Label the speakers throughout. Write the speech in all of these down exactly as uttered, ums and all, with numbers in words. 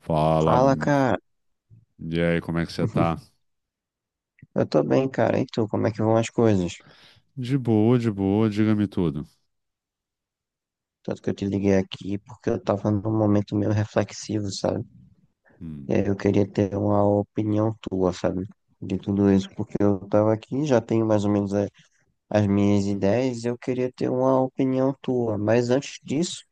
Speaker 1: Fala,
Speaker 2: Fala,
Speaker 1: hum,
Speaker 2: cara.
Speaker 1: e aí, como é que você tá?
Speaker 2: Eu tô bem, cara. E tu, como é que vão as coisas?
Speaker 1: De boa, de boa, diga-me tudo.
Speaker 2: Tanto que eu te liguei aqui porque eu tava num momento meio reflexivo, sabe? E
Speaker 1: Hum.
Speaker 2: aí eu queria ter uma opinião tua, sabe? De tudo isso, porque eu tava aqui, já tenho mais ou menos a- as minhas ideias e eu queria ter uma opinião tua. Mas antes disso,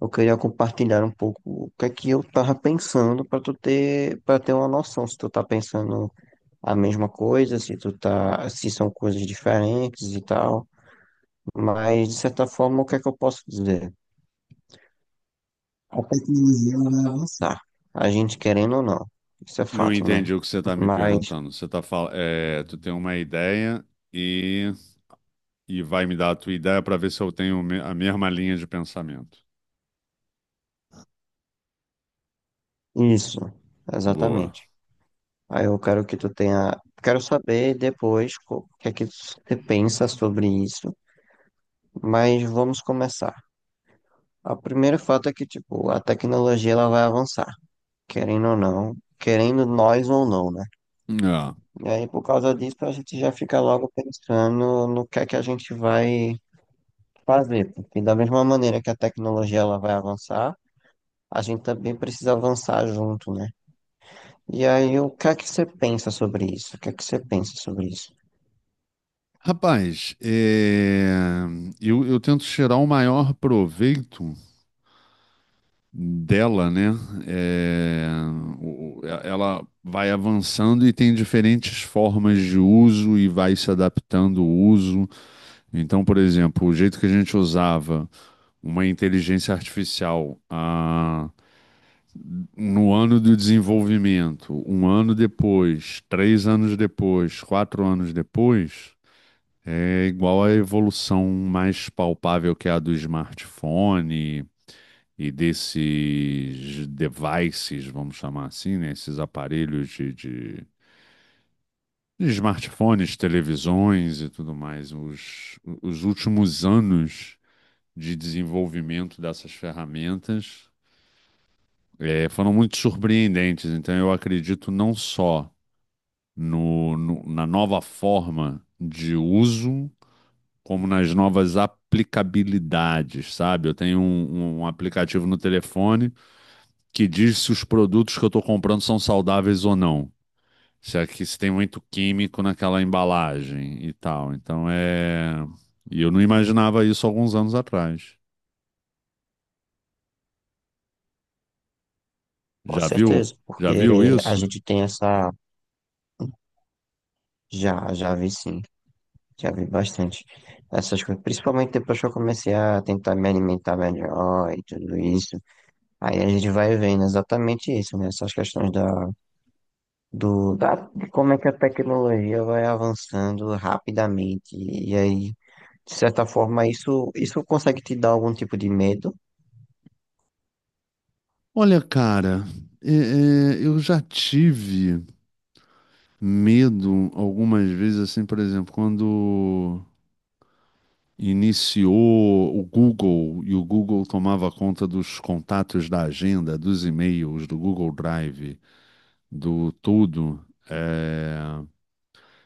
Speaker 2: eu queria compartilhar um pouco o que é que eu tava pensando pra tu ter, para ter uma noção se tu tá pensando a mesma coisa, se tu tá, se são coisas diferentes e tal. Mas, de certa forma, o que é que eu posso dizer? A tecnologia ela vai avançar, a gente querendo ou não. Isso é
Speaker 1: Não
Speaker 2: fato, né?
Speaker 1: entendi o que você tá me
Speaker 2: Mas,
Speaker 1: perguntando. Você tá fal... é, Tu tem uma ideia e, e vai me dar a tua ideia pra ver se eu tenho me- a mesma linha de pensamento.
Speaker 2: isso,
Speaker 1: Boa.
Speaker 2: exatamente. Aí eu quero que tu tenha. Quero saber depois co- o que é que você pensa sobre isso, mas vamos começar. O primeiro fato é que, tipo, a tecnologia ela vai avançar, querendo ou não, querendo nós ou não, né?
Speaker 1: É.
Speaker 2: E aí, por causa disso, a gente já fica logo pensando no que é que a gente vai fazer, porque da mesma maneira que a tecnologia ela vai avançar, a gente também precisa avançar junto, né? E aí, o que é que você pensa sobre isso? O que é que você pensa sobre isso?
Speaker 1: Rapaz, é, eu, eu tento tirar o maior proveito dela, né? É, o- o- e- ela vai avançando e tem diferentes formas de uso e vai se adaptando o uso. Então, por exemplo, o jeito que a gente usava uma inteligência artificial ah, no ano do desenvolvimento, um ano depois, três anos depois, quatro anos depois. É igual à evolução mais palpável que é a do smartphone, e desses devices, vamos chamar assim, né? Esses aparelhos de, de- de smartphones, televisões e tudo mais, os, os últimos anos de desenvolvimento dessas ferramentas eh, foram muito surpreendentes. Então, eu acredito não só no- no- na nova forma de uso, como nas novas aplicabilidades, sabe? Eu tenho um um aplicativo no telefone que diz se os produtos que eu estou comprando são saudáveis ou não. Se é que se tem muito químico naquela embalagem e tal. Então é. E eu não imaginava isso alguns anos atrás.
Speaker 2: Com
Speaker 1: Já viu?
Speaker 2: certeza,
Speaker 1: Já
Speaker 2: porque
Speaker 1: viu
Speaker 2: a
Speaker 1: isso?
Speaker 2: gente tem essa. Já, já vi sim, já vi bastante essas coisas, principalmente depois que eu comecei a tentar me alimentar melhor e tudo isso. Aí a gente vai vendo exatamente isso, né? Essas questões da, do, da, de como é que a tecnologia vai avançando rapidamente. E aí, de certa forma, isso, isso consegue te dar algum tipo de medo?
Speaker 1: Olha, cara, é, é, eu já tive medo algumas vezes, assim, por exemplo, quando iniciou o Google e o Google tomava conta dos contatos da agenda, dos e-mails, do Google Drive. do tudo, é,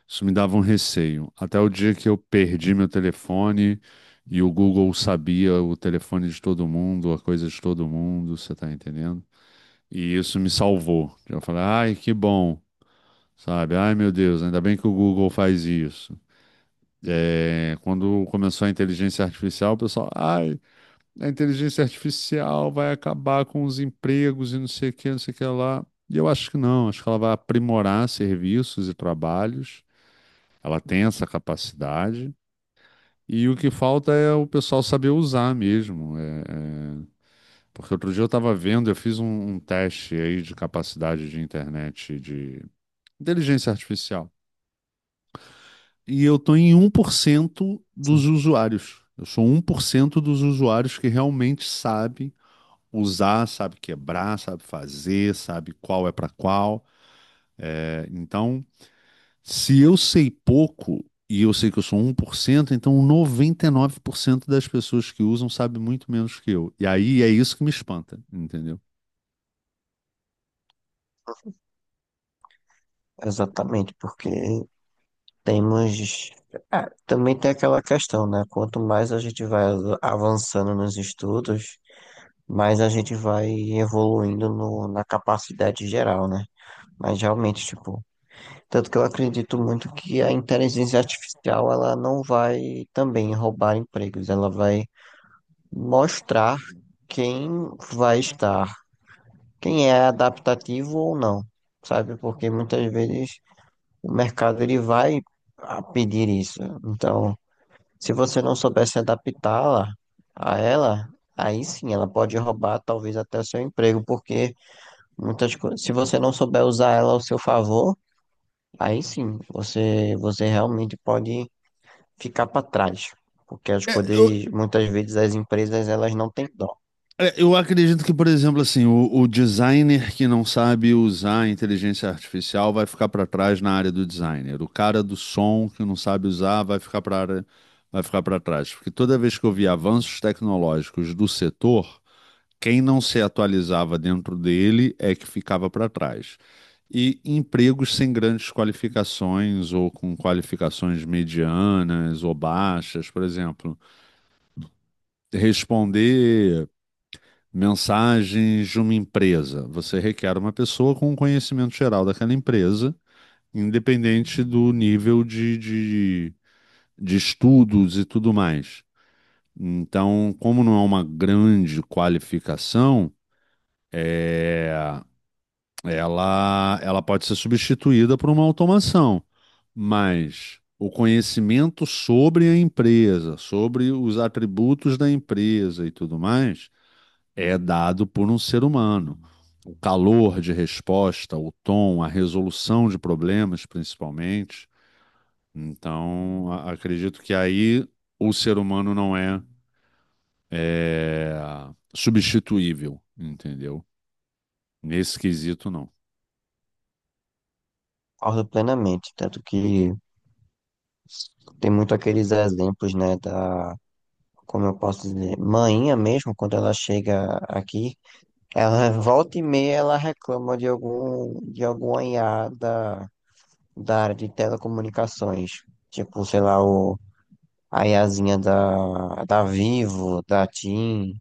Speaker 1: isso me dava um receio. Até o dia que eu perdi meu telefone e o Google sabia o telefone de todo mundo, a coisa de todo mundo, você tá entendendo? E isso me salvou. Eu falei, ai, que bom, sabe? Ai, meu Deus, ainda bem que o Google faz isso. É, quando começou a inteligência artificial, o pessoal, ai, a inteligência artificial vai acabar com os empregos e não sei o que, não sei o que lá. E eu acho que não, acho que ela vai aprimorar serviços e trabalhos, ela tem essa capacidade, e o que falta é o pessoal saber usar mesmo. é- é- Porque outro dia eu estava vendo, eu fiz um, um teste aí de capacidade de internet, de inteligência artificial, e eu estou em um por cento dos
Speaker 2: Sim.
Speaker 1: usuários. Eu sou um por cento dos usuários que realmente sabem usar, sabe quebrar, sabe fazer, sabe qual é para qual. É, então, se eu sei pouco e eu sei que eu sou um por cento, então noventa e nove por cento das pessoas que usam sabe muito menos que eu. E aí é isso que me espanta, entendeu?
Speaker 2: Exatamente, porque temos. Ah, também tem aquela questão, né? Quanto mais a gente vai avançando nos estudos, mais a gente vai evoluindo no, na capacidade geral, né? Mas realmente, tipo, tanto que eu acredito muito que a inteligência artificial ela não vai também roubar empregos, ela vai mostrar quem vai estar, quem é adaptativo ou não, sabe? Porque muitas vezes o mercado ele vai a pedir isso. Então, se você não souber se adaptá-la a ela, aí sim ela pode roubar talvez até o seu emprego, porque muitas coisas, se você não souber usar ela ao seu favor, aí sim você você realmente pode ficar para trás. Porque as
Speaker 1: É,
Speaker 2: coisas,
Speaker 1: eu,
Speaker 2: muitas vezes as empresas elas não têm dó,
Speaker 1: É, Eu acredito que, por exemplo, assim, o, o designer que não sabe usar a inteligência artificial vai ficar para trás na área do designer. O cara do som que não sabe usar vai ficar para vai ficar para trás, porque toda vez que eu vi avanços tecnológicos do setor, quem não se atualizava dentro dele é que ficava para trás. E empregos sem grandes qualificações ou com qualificações medianas ou baixas, por exemplo, responder mensagens de uma empresa. Você requer uma pessoa com um conhecimento geral daquela empresa, independente do nível de, de, de estudos e tudo mais. Então, como não é uma grande qualificação, é, ela, ela pode ser substituída por uma automação, mas o conhecimento sobre a empresa, sobre os atributos da empresa e tudo mais é dado por um ser humano. O calor de resposta, o tom, a resolução de problemas, principalmente. Então, a- acredito que aí o ser humano não é, é, substituível, entendeu? Nesse quesito, não.
Speaker 2: concordo plenamente, tanto que tem muito aqueles exemplos, né, da, como eu posso dizer, mainha mesmo, quando ela chega aqui, ela volta e meia ela reclama de algum, de alguma I A da, da área de telecomunicações. Tipo, sei lá, o, a IAzinha da, da Vivo, da TIM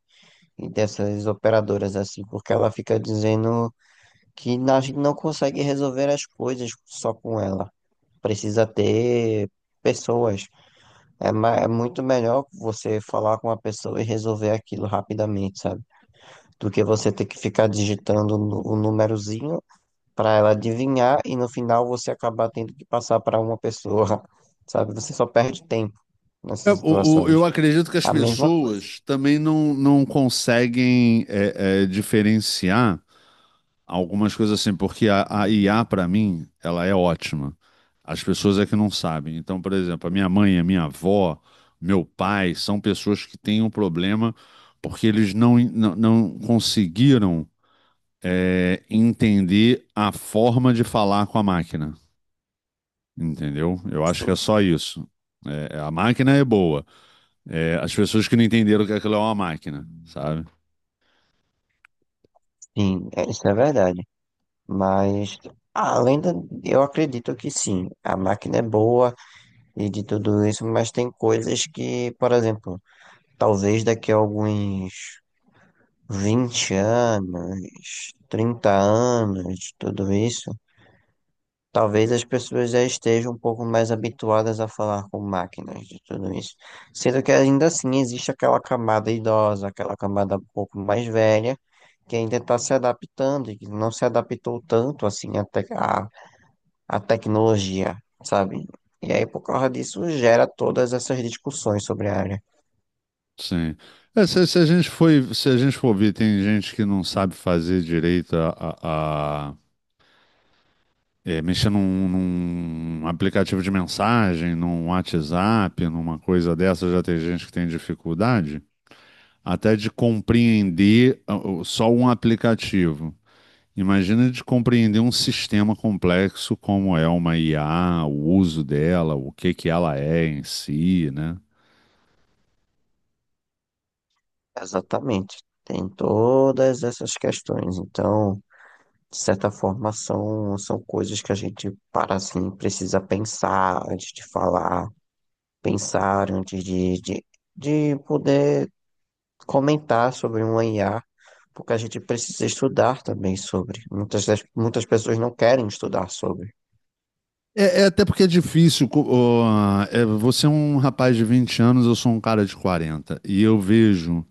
Speaker 2: e dessas operadoras assim, porque ela fica dizendo que na- a gente não consegue resolver as coisas só com ela. Precisa ter pessoas. É, ma- é muito melhor você falar com uma pessoa e resolver aquilo rapidamente, sabe? Do que você ter que ficar digitando nu- o númerozinho para ela adivinhar e no final você acabar tendo que passar para uma pessoa, sabe? Você só perde tempo nessas
Speaker 1: É, o- o- eu
Speaker 2: situações.
Speaker 1: acredito que as
Speaker 2: A mesma coisa.
Speaker 1: pessoas também não, não conseguem é, é, diferenciar algumas coisas assim, porque a, a I A, para mim, ela é ótima. As pessoas é que não sabem. Então, por exemplo, a minha mãe, a minha avó, meu pai, são pessoas que têm um problema porque eles não, não, não conseguiram, é, entender a forma de falar com a máquina. Entendeu? Eu acho que é
Speaker 2: Sim,
Speaker 1: só isso. É, a máquina é boa. É, as pessoas que não entenderam que aquilo é uma máquina, sabe?
Speaker 2: sim, é- isso é verdade. Mas além da, eu acredito que sim, a máquina é boa e de tudo isso, mas tem coisas que, por exemplo, talvez daqui a alguns vinte anos, trinta anos, tudo isso. Talvez as pessoas já estejam um pouco mais habituadas a falar com máquinas de tudo isso. Sendo que ainda assim existe aquela camada idosa, aquela camada um pouco mais velha, que ainda está se adaptando e que não se adaptou tanto assim à tec- à- à tecnologia, sabe? E aí, por causa disso, gera todas essas discussões sobre a área.
Speaker 1: Sim. É, se, se a gente foi, se a gente for ver, tem gente que não sabe fazer direito a, a- a- é, mexer num, num aplicativo de mensagem, num WhatsApp, numa coisa dessa, já tem gente que tem dificuldade até de compreender ah, o- só um aplicativo. Imagina de compreender um sistema complexo como é uma I A, o uso dela, o que que ela é em si, né?
Speaker 2: Exatamente. Tem todas essas questões. Então, de certa forma, são, são coisas que a gente para assim, precisa pensar antes de falar, pensar antes de, de, de poder comentar sobre um I A, porque a gente precisa estudar também sobre. Muitas, das- muitas pessoas não querem estudar sobre,
Speaker 1: É, é até porque é difícil. co- ó, é, você é um rapaz de vinte anos, eu sou um cara de quarenta. E eu vejo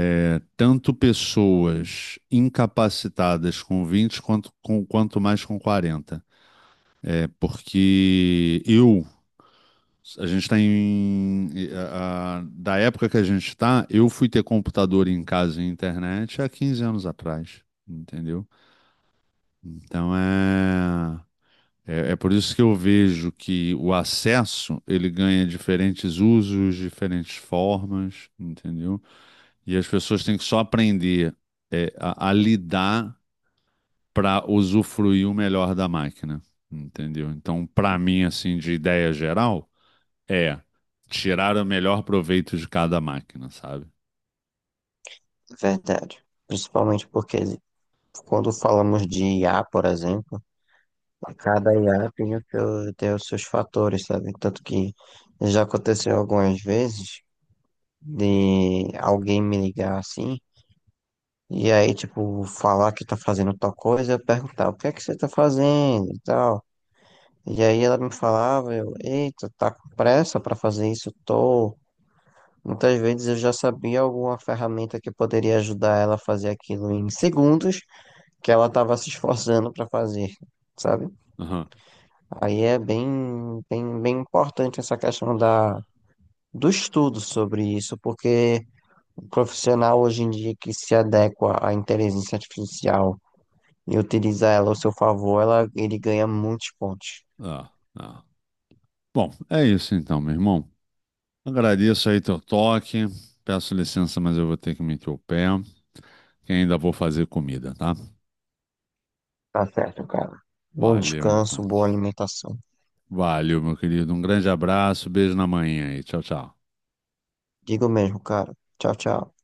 Speaker 1: é, tanto pessoas incapacitadas com vinte quanto, com, quanto mais com quarenta. É porque eu. A gente está em. A- a- da época que a gente está, eu fui ter computador em casa e internet há quinze anos atrás. Entendeu? Então é. É, é por isso que eu vejo que o acesso ele ganha diferentes usos, diferentes formas, entendeu? E as pessoas têm que só aprender é, a, a lidar para usufruir o melhor da máquina, entendeu? Então, para mim, assim, de ideia geral, é tirar o melhor proveito de cada máquina, sabe?
Speaker 2: é verdade. Principalmente porque quando falamos de I A, por exemplo, cada I A tem, o seu, tem os seus fatores, sabe? Tanto que já aconteceu algumas vezes de alguém me ligar assim. E aí, tipo, falar que tá fazendo tal coisa, eu perguntar o que é que você tá fazendo e tal. E aí ela me falava, eu, eita, tá com pressa pra fazer isso? Tô. Muitas vezes eu já sabia alguma ferramenta que poderia ajudar ela a fazer aquilo em segundos que ela tava se esforçando pra fazer, sabe?
Speaker 1: Aham.
Speaker 2: Aí é bem, bem, bem importante essa questão da, do estudo sobre isso, porque o profissional hoje em dia que se adequa à inteligência artificial e utilizar ela ao seu favor, ela, ele ganha muitos pontos.
Speaker 1: Ah, ah. Bom, é isso então, meu irmão. Agradeço aí teu toque. Peço licença, mas eu vou ter que meter o pé. que ainda vou fazer comida, tá?
Speaker 2: Tá certo, cara. Bom
Speaker 1: Valeu,
Speaker 2: descanso,
Speaker 1: então.
Speaker 2: boa alimentação.
Speaker 1: Valeu, meu querido. Um grande abraço, beijo na manhã e tchau, tchau.
Speaker 2: Digo mesmo, cara. Tchau, tchau.